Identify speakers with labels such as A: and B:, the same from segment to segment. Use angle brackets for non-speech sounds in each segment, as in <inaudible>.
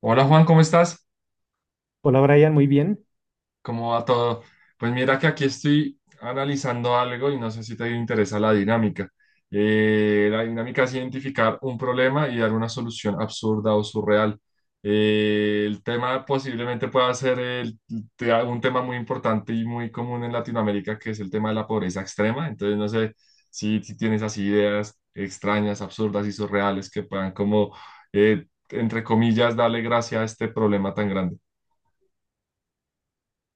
A: Hola Juan, ¿cómo estás?
B: Hola Brian, muy bien.
A: ¿Cómo va todo? Pues mira que aquí estoy analizando algo y no sé si te interesa la dinámica. La dinámica es identificar un problema y dar una solución absurda o surreal. El tema posiblemente pueda ser un tema muy importante y muy común en Latinoamérica, que es el tema de la pobreza extrema. Entonces no sé si tienes así ideas extrañas, absurdas y surreales que puedan como, entre comillas, darle gracia a este problema tan grande.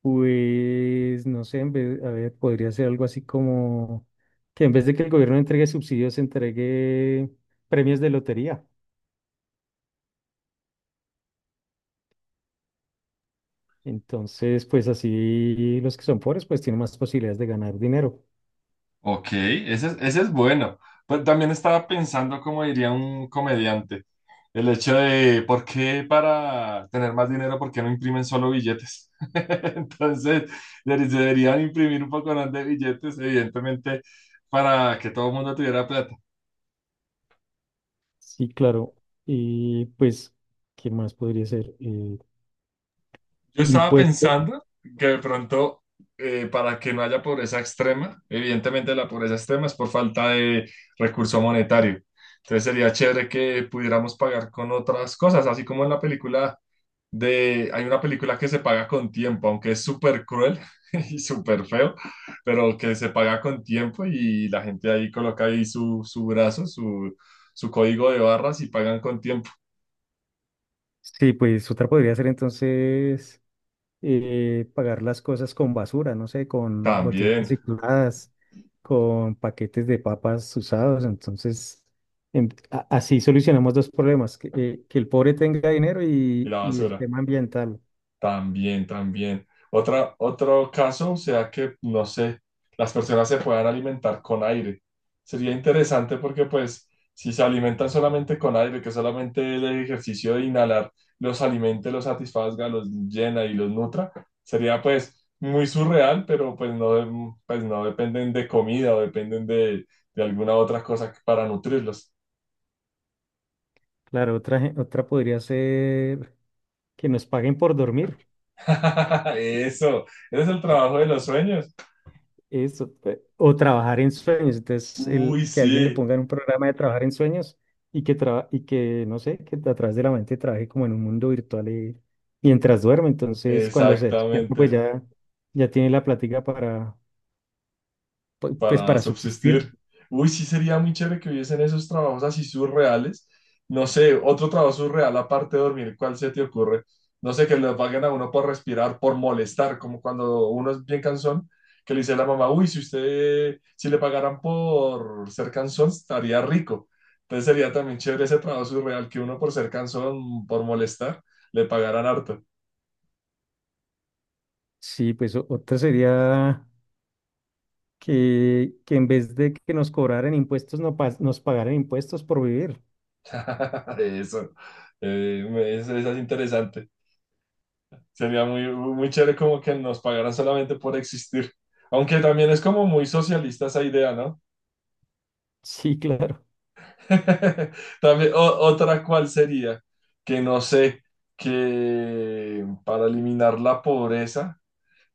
B: Pues no sé, a ver, podría ser algo así como que en vez de que el gobierno entregue subsidios, entregue premios de lotería. Entonces, pues así los que son pobres, pues tienen más posibilidades de ganar dinero.
A: Ok, ese es bueno. Pues también estaba pensando, como diría un comediante, el hecho de por qué para tener más dinero, por qué no imprimen solo billetes. <laughs> Entonces, deberían imprimir un poco más de billetes, evidentemente, para que todo el mundo tuviera plata.
B: Sí, claro. Y pues, ¿qué más podría ser? Eh,
A: Yo estaba
B: impuesto.
A: pensando que de pronto, para que no haya pobreza extrema, evidentemente la pobreza extrema es por falta de recurso monetario. Entonces sería chévere que pudiéramos pagar con otras cosas, así como en la película de, hay una película que se paga con tiempo, aunque es súper cruel <laughs> y súper feo, pero que se paga con tiempo y la gente ahí coloca ahí su brazo, su código de barras y pagan con tiempo
B: Sí, pues otra podría ser entonces. Pagar las cosas con basura, no sé, con botellas
A: también.
B: recicladas, con paquetes de papas usados. Entonces, así solucionamos dos problemas, que el pobre tenga dinero
A: Y
B: y,
A: la
B: y el
A: basura.
B: tema ambiental.
A: También, también. Otro caso sea que, no sé, las personas se puedan alimentar con aire. Sería interesante porque, pues, si se alimentan solamente con aire, que solamente el ejercicio de inhalar los alimente, los satisfazga, los llena y los nutra, sería, pues, muy surreal, pero, pues, no dependen de comida o dependen de alguna otra cosa para nutrirlos.
B: Claro, otra podría ser que nos paguen por dormir.
A: <laughs> Eso, ese es el trabajo de los sueños.
B: Eso, o trabajar en sueños. Entonces,
A: Uy,
B: que alguien le
A: sí.
B: ponga en un programa de trabajar en sueños y que, no sé, que a través de la mente trabaje como en un mundo virtual mientras duerme. Entonces, cuando se despierta, pues
A: Exactamente,
B: ya, ya tiene la plática para, pu- pues,
A: para
B: para subsistir.
A: subsistir. Uy, sí sería muy chévere que hubiesen esos trabajos así surreales. No sé, otro trabajo surreal aparte de dormir, ¿cuál se te ocurre? No sé, que le paguen a uno por respirar, por molestar, como cuando uno es bien cansón, que le dice a la mamá, uy, si usted, si le pagaran por ser cansón, estaría rico. Entonces sería también chévere ese trabajo surreal, que uno por ser cansón, por molestar, le pagaran harto.
B: Sí, pues otra sería que, en vez de que nos cobraran impuestos, no pas- nos pagaran impuestos por vivir. <laughs>
A: <laughs> Eso, eso es interesante. Sería muy, muy chévere como que nos pagaran solamente por existir. Aunque también es como muy socialista esa idea, ¿no?
B: Sí, claro.
A: <laughs> También, otra cual sería, que no sé, que para eliminar la pobreza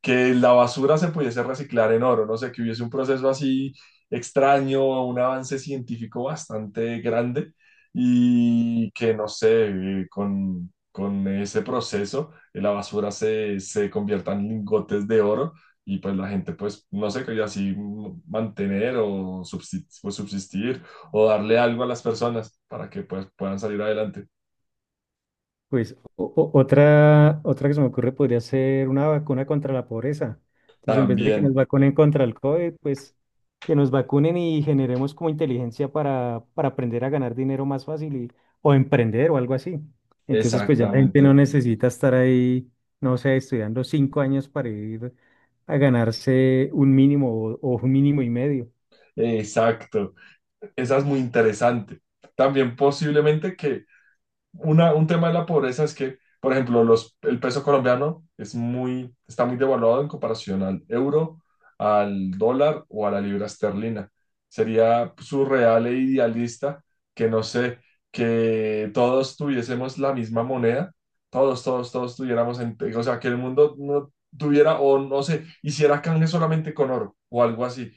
A: que la basura se pudiese reciclar en oro, no sé, que hubiese un proceso así extraño, un avance científico bastante grande y que, no sé, con ese proceso la basura se convierta en lingotes de oro y pues la gente pues, no sé, que así mantener o subsistir, o subsistir o darle algo a las personas para que pues puedan salir adelante.
B: Pues otra que se me ocurre podría ser una vacuna contra la pobreza. Entonces, en vez de que nos
A: También,
B: vacunen contra el COVID, pues que nos vacunen y generemos como inteligencia para aprender a ganar dinero más fácil y, o emprender o algo así. Entonces, pues ya la gente no
A: exactamente.
B: necesita estar ahí, no sé, estudiando 5 años para ir a ganarse un mínimo o un mínimo y medio.
A: Exacto. Esa es muy interesante. También posiblemente que un tema de la pobreza es que, por ejemplo, los, el peso colombiano es muy, está muy devaluado en comparación al euro, al dólar o a la libra esterlina. Sería surreal e idealista que, no sé, que todos tuviésemos la misma moneda, todos, todos, todos tuviéramos, en- o sea, que el mundo no tuviera o no sé, hiciera canje solamente con oro o algo así,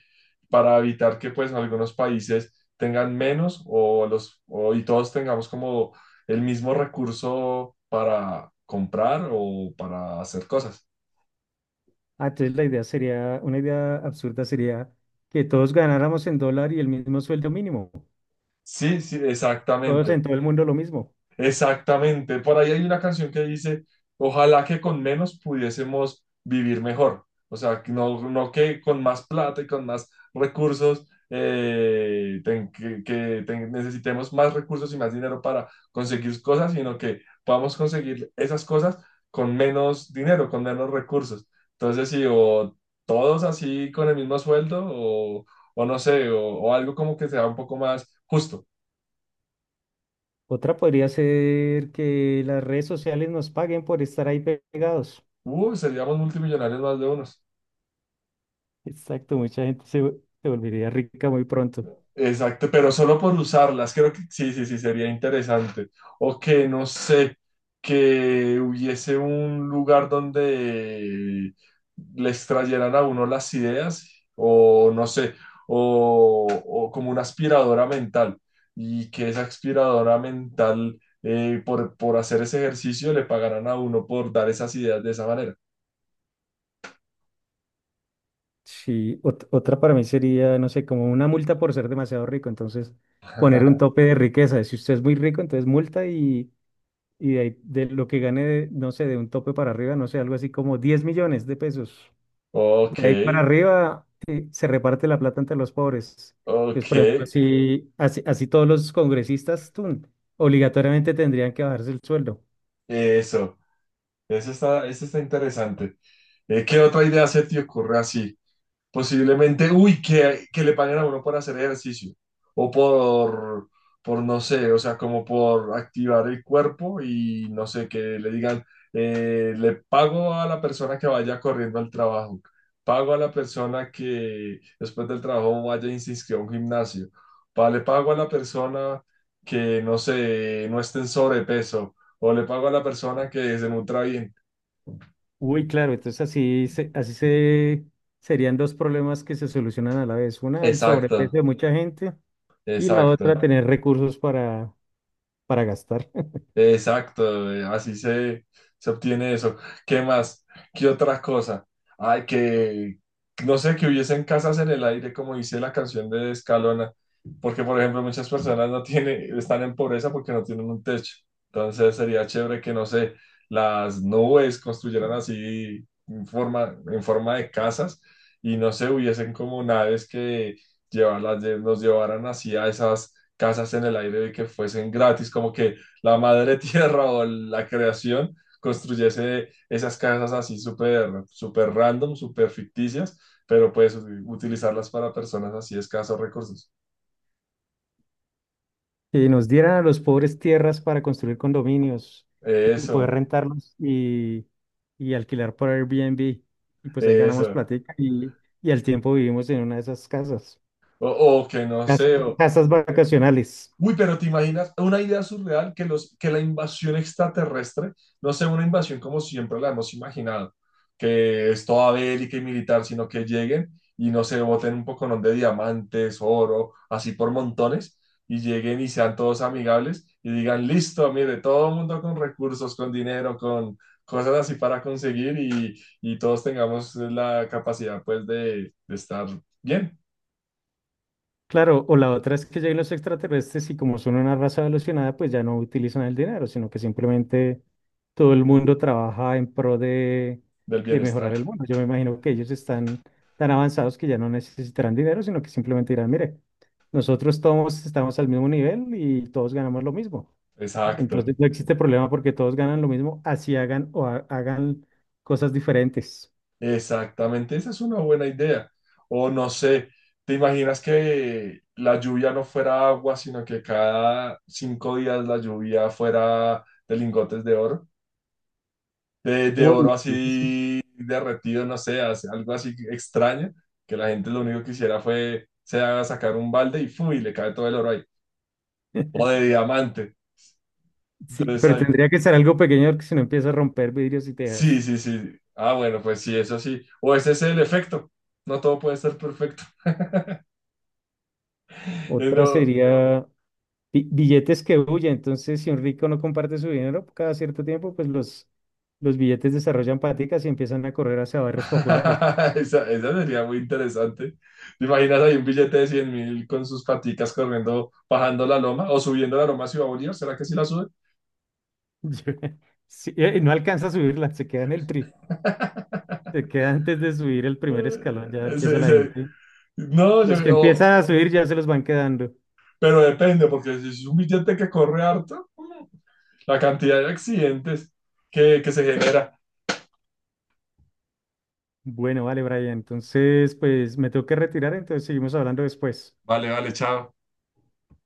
A: para evitar que pues algunos países tengan menos o los, o, y todos tengamos como el mismo recurso para comprar o para hacer cosas.
B: Ah, entonces la idea sería, una idea absurda sería que todos ganáramos en dólar y el mismo sueldo mínimo.
A: Sí, sí,
B: Todos
A: exactamente.
B: en todo el mundo lo mismo.
A: Exactamente, por ahí hay una canción que dice, ojalá que con menos pudiésemos vivir mejor, o sea, que no, no que con más plata y con más recursos, que, que necesitemos más recursos y más dinero para conseguir cosas, sino que podamos conseguir esas cosas con menos dinero, con menos recursos. Entonces, sí, o todos así con el mismo sueldo, o no sé, o algo como que sea un poco más justo.
B: Otra podría ser que las redes sociales nos paguen por estar ahí pegados.
A: Seríamos multimillonarios más de unos.
B: Exacto, mucha gente se volvería rica muy pronto.
A: Exacto, pero solo por usarlas, creo que sí, sí, sí, sería interesante. O que, no sé, que hubiese un lugar donde les trayeran a uno las ideas, o no sé, o como una aspiradora mental, y que esa aspiradora mental, por hacer ese ejercicio, le pagaran a uno por dar esas ideas de esa manera.
B: Sí, otra para mí sería, no sé, como una multa por ser demasiado rico. Entonces, poner un
A: <laughs>
B: tope de riqueza. Si usted es muy rico, entonces multa y de, de lo que gane, de, no sé, de un tope para arriba, no sé, algo así como 10 millones de pesos.
A: Ok,
B: De ahí para arriba se reparte la plata entre los pobres. Entonces,
A: ok,
B: por ejemplo, así, así todos los congresistas tun, obligatoriamente tendrían que bajarse el sueldo.
A: eso, eso está interesante. ¿Qué otra idea se te ocurre así? Posiblemente, uy, que le paguen a uno por hacer ejercicio o por, no sé, o sea, como por activar el cuerpo y no sé, que le digan, le pago a la persona que vaya corriendo al trabajo, pago a la persona que después del trabajo vaya y se inscriba a un gimnasio, le pago a la persona que, no sé, no esté en sobrepeso o le pago a la persona que se nutra bien.
B: Uy, claro, entonces así, serían dos problemas que se solucionan a la vez. Una, el
A: Exacto,
B: sobrepeso de mucha gente y la otra,
A: exacto.
B: tener recursos para gastar.
A: Exacto, así se, se obtiene eso. ¿Qué más? ¿Qué otra cosa? Ay, que no sé, que hubiesen casas en el aire, como dice la canción de Escalona, porque por ejemplo muchas personas no tienen, están en pobreza porque no tienen un techo. Entonces sería chévere que, no sé, las nubes construyeran así en forma de casas y no sé, hubiesen como naves que llevarlas, nos llevaran así a esas casas en el aire y que fuesen gratis, como que la madre <laughs> tierra o la creación construyese esas casas así súper, súper random, súper ficticias, pero pues utilizarlas para personas así escasos recursos.
B: Y nos dieran a los pobres tierras para construir condominios y poder
A: Eso,
B: rentarlos y alquilar por Airbnb. Y pues ahí ganamos
A: eso.
B: platica y al tiempo vivimos en una de esas casas,
A: O que no
B: cas-
A: sé, o,
B: casas vacacionales.
A: uy, pero ¿te imaginas una idea surreal que, los, que la invasión extraterrestre no sea una invasión como siempre la hemos imaginado, que es toda bélica y militar, sino que lleguen y no se boten un poconón de diamantes, oro, así por montones, y lleguen y sean todos amigables y digan, listo, mire, todo el mundo con recursos, con dinero, con cosas así para conseguir y todos tengamos la capacidad pues de estar bien,
B: Claro, o la otra es que lleguen los extraterrestres y como son una raza evolucionada, pues ya no utilizan el dinero, sino que simplemente todo el mundo trabaja en pro de,
A: del
B: de
A: bienestar.
B: mejorar el mundo. Yo me imagino que ellos están tan avanzados que ya no necesitarán dinero, sino que simplemente dirán, mire, nosotros todos estamos al mismo nivel y todos ganamos lo mismo.
A: Exacto.
B: Entonces no existe problema porque todos ganan lo mismo, así hagan o hagan cosas diferentes.
A: Exactamente, esa es una buena idea. O no sé, ¿te imaginas que la lluvia no fuera agua, sino que cada 5 días la lluvia fuera de lingotes de oro? De
B: Uy,
A: oro así derretido, no sé, hace algo así extraño, que la gente lo único que hiciera fue se haga sacar un balde y ¡fum! Y le cae todo el oro ahí. O de
B: <laughs>
A: diamante.
B: sí,
A: Entonces,
B: pero tendría que ser algo pequeño porque si no empieza a romper vidrios y
A: sí,
B: tejas.
A: sí, sí. Ah, bueno, pues sí, eso sí. O ese es el efecto. No todo puede ser perfecto.
B: Otra
A: <laughs>
B: sería billetes que huyen. Entonces, si un rico no comparte su dinero, cada cierto tiempo, pues los billetes desarrollan paticas y empiezan a correr hacia barrios populares.
A: <laughs> Esa sería muy interesante. ¿Te imaginas ahí un billete de 100.000 con sus paticas corriendo, bajando la loma o subiendo la loma a Ciudad Bolívar? ¿Será que sí la sube?
B: <laughs> Yo- Sí, y no alcanza a subirla, se queda en el tri,
A: <laughs>
B: se queda antes de subir el primer escalón,
A: Eh,
B: ya empieza
A: ese-
B: la
A: ese-
B: gente.
A: no,
B: Los que empiezan a subir ya se los van quedando.
A: pero depende, porque si es un billete que corre harto, la cantidad de accidentes que se genera.
B: Bueno, vale, Brian. Entonces, pues me tengo que retirar, entonces seguimos hablando después.
A: Vale, vale, chao.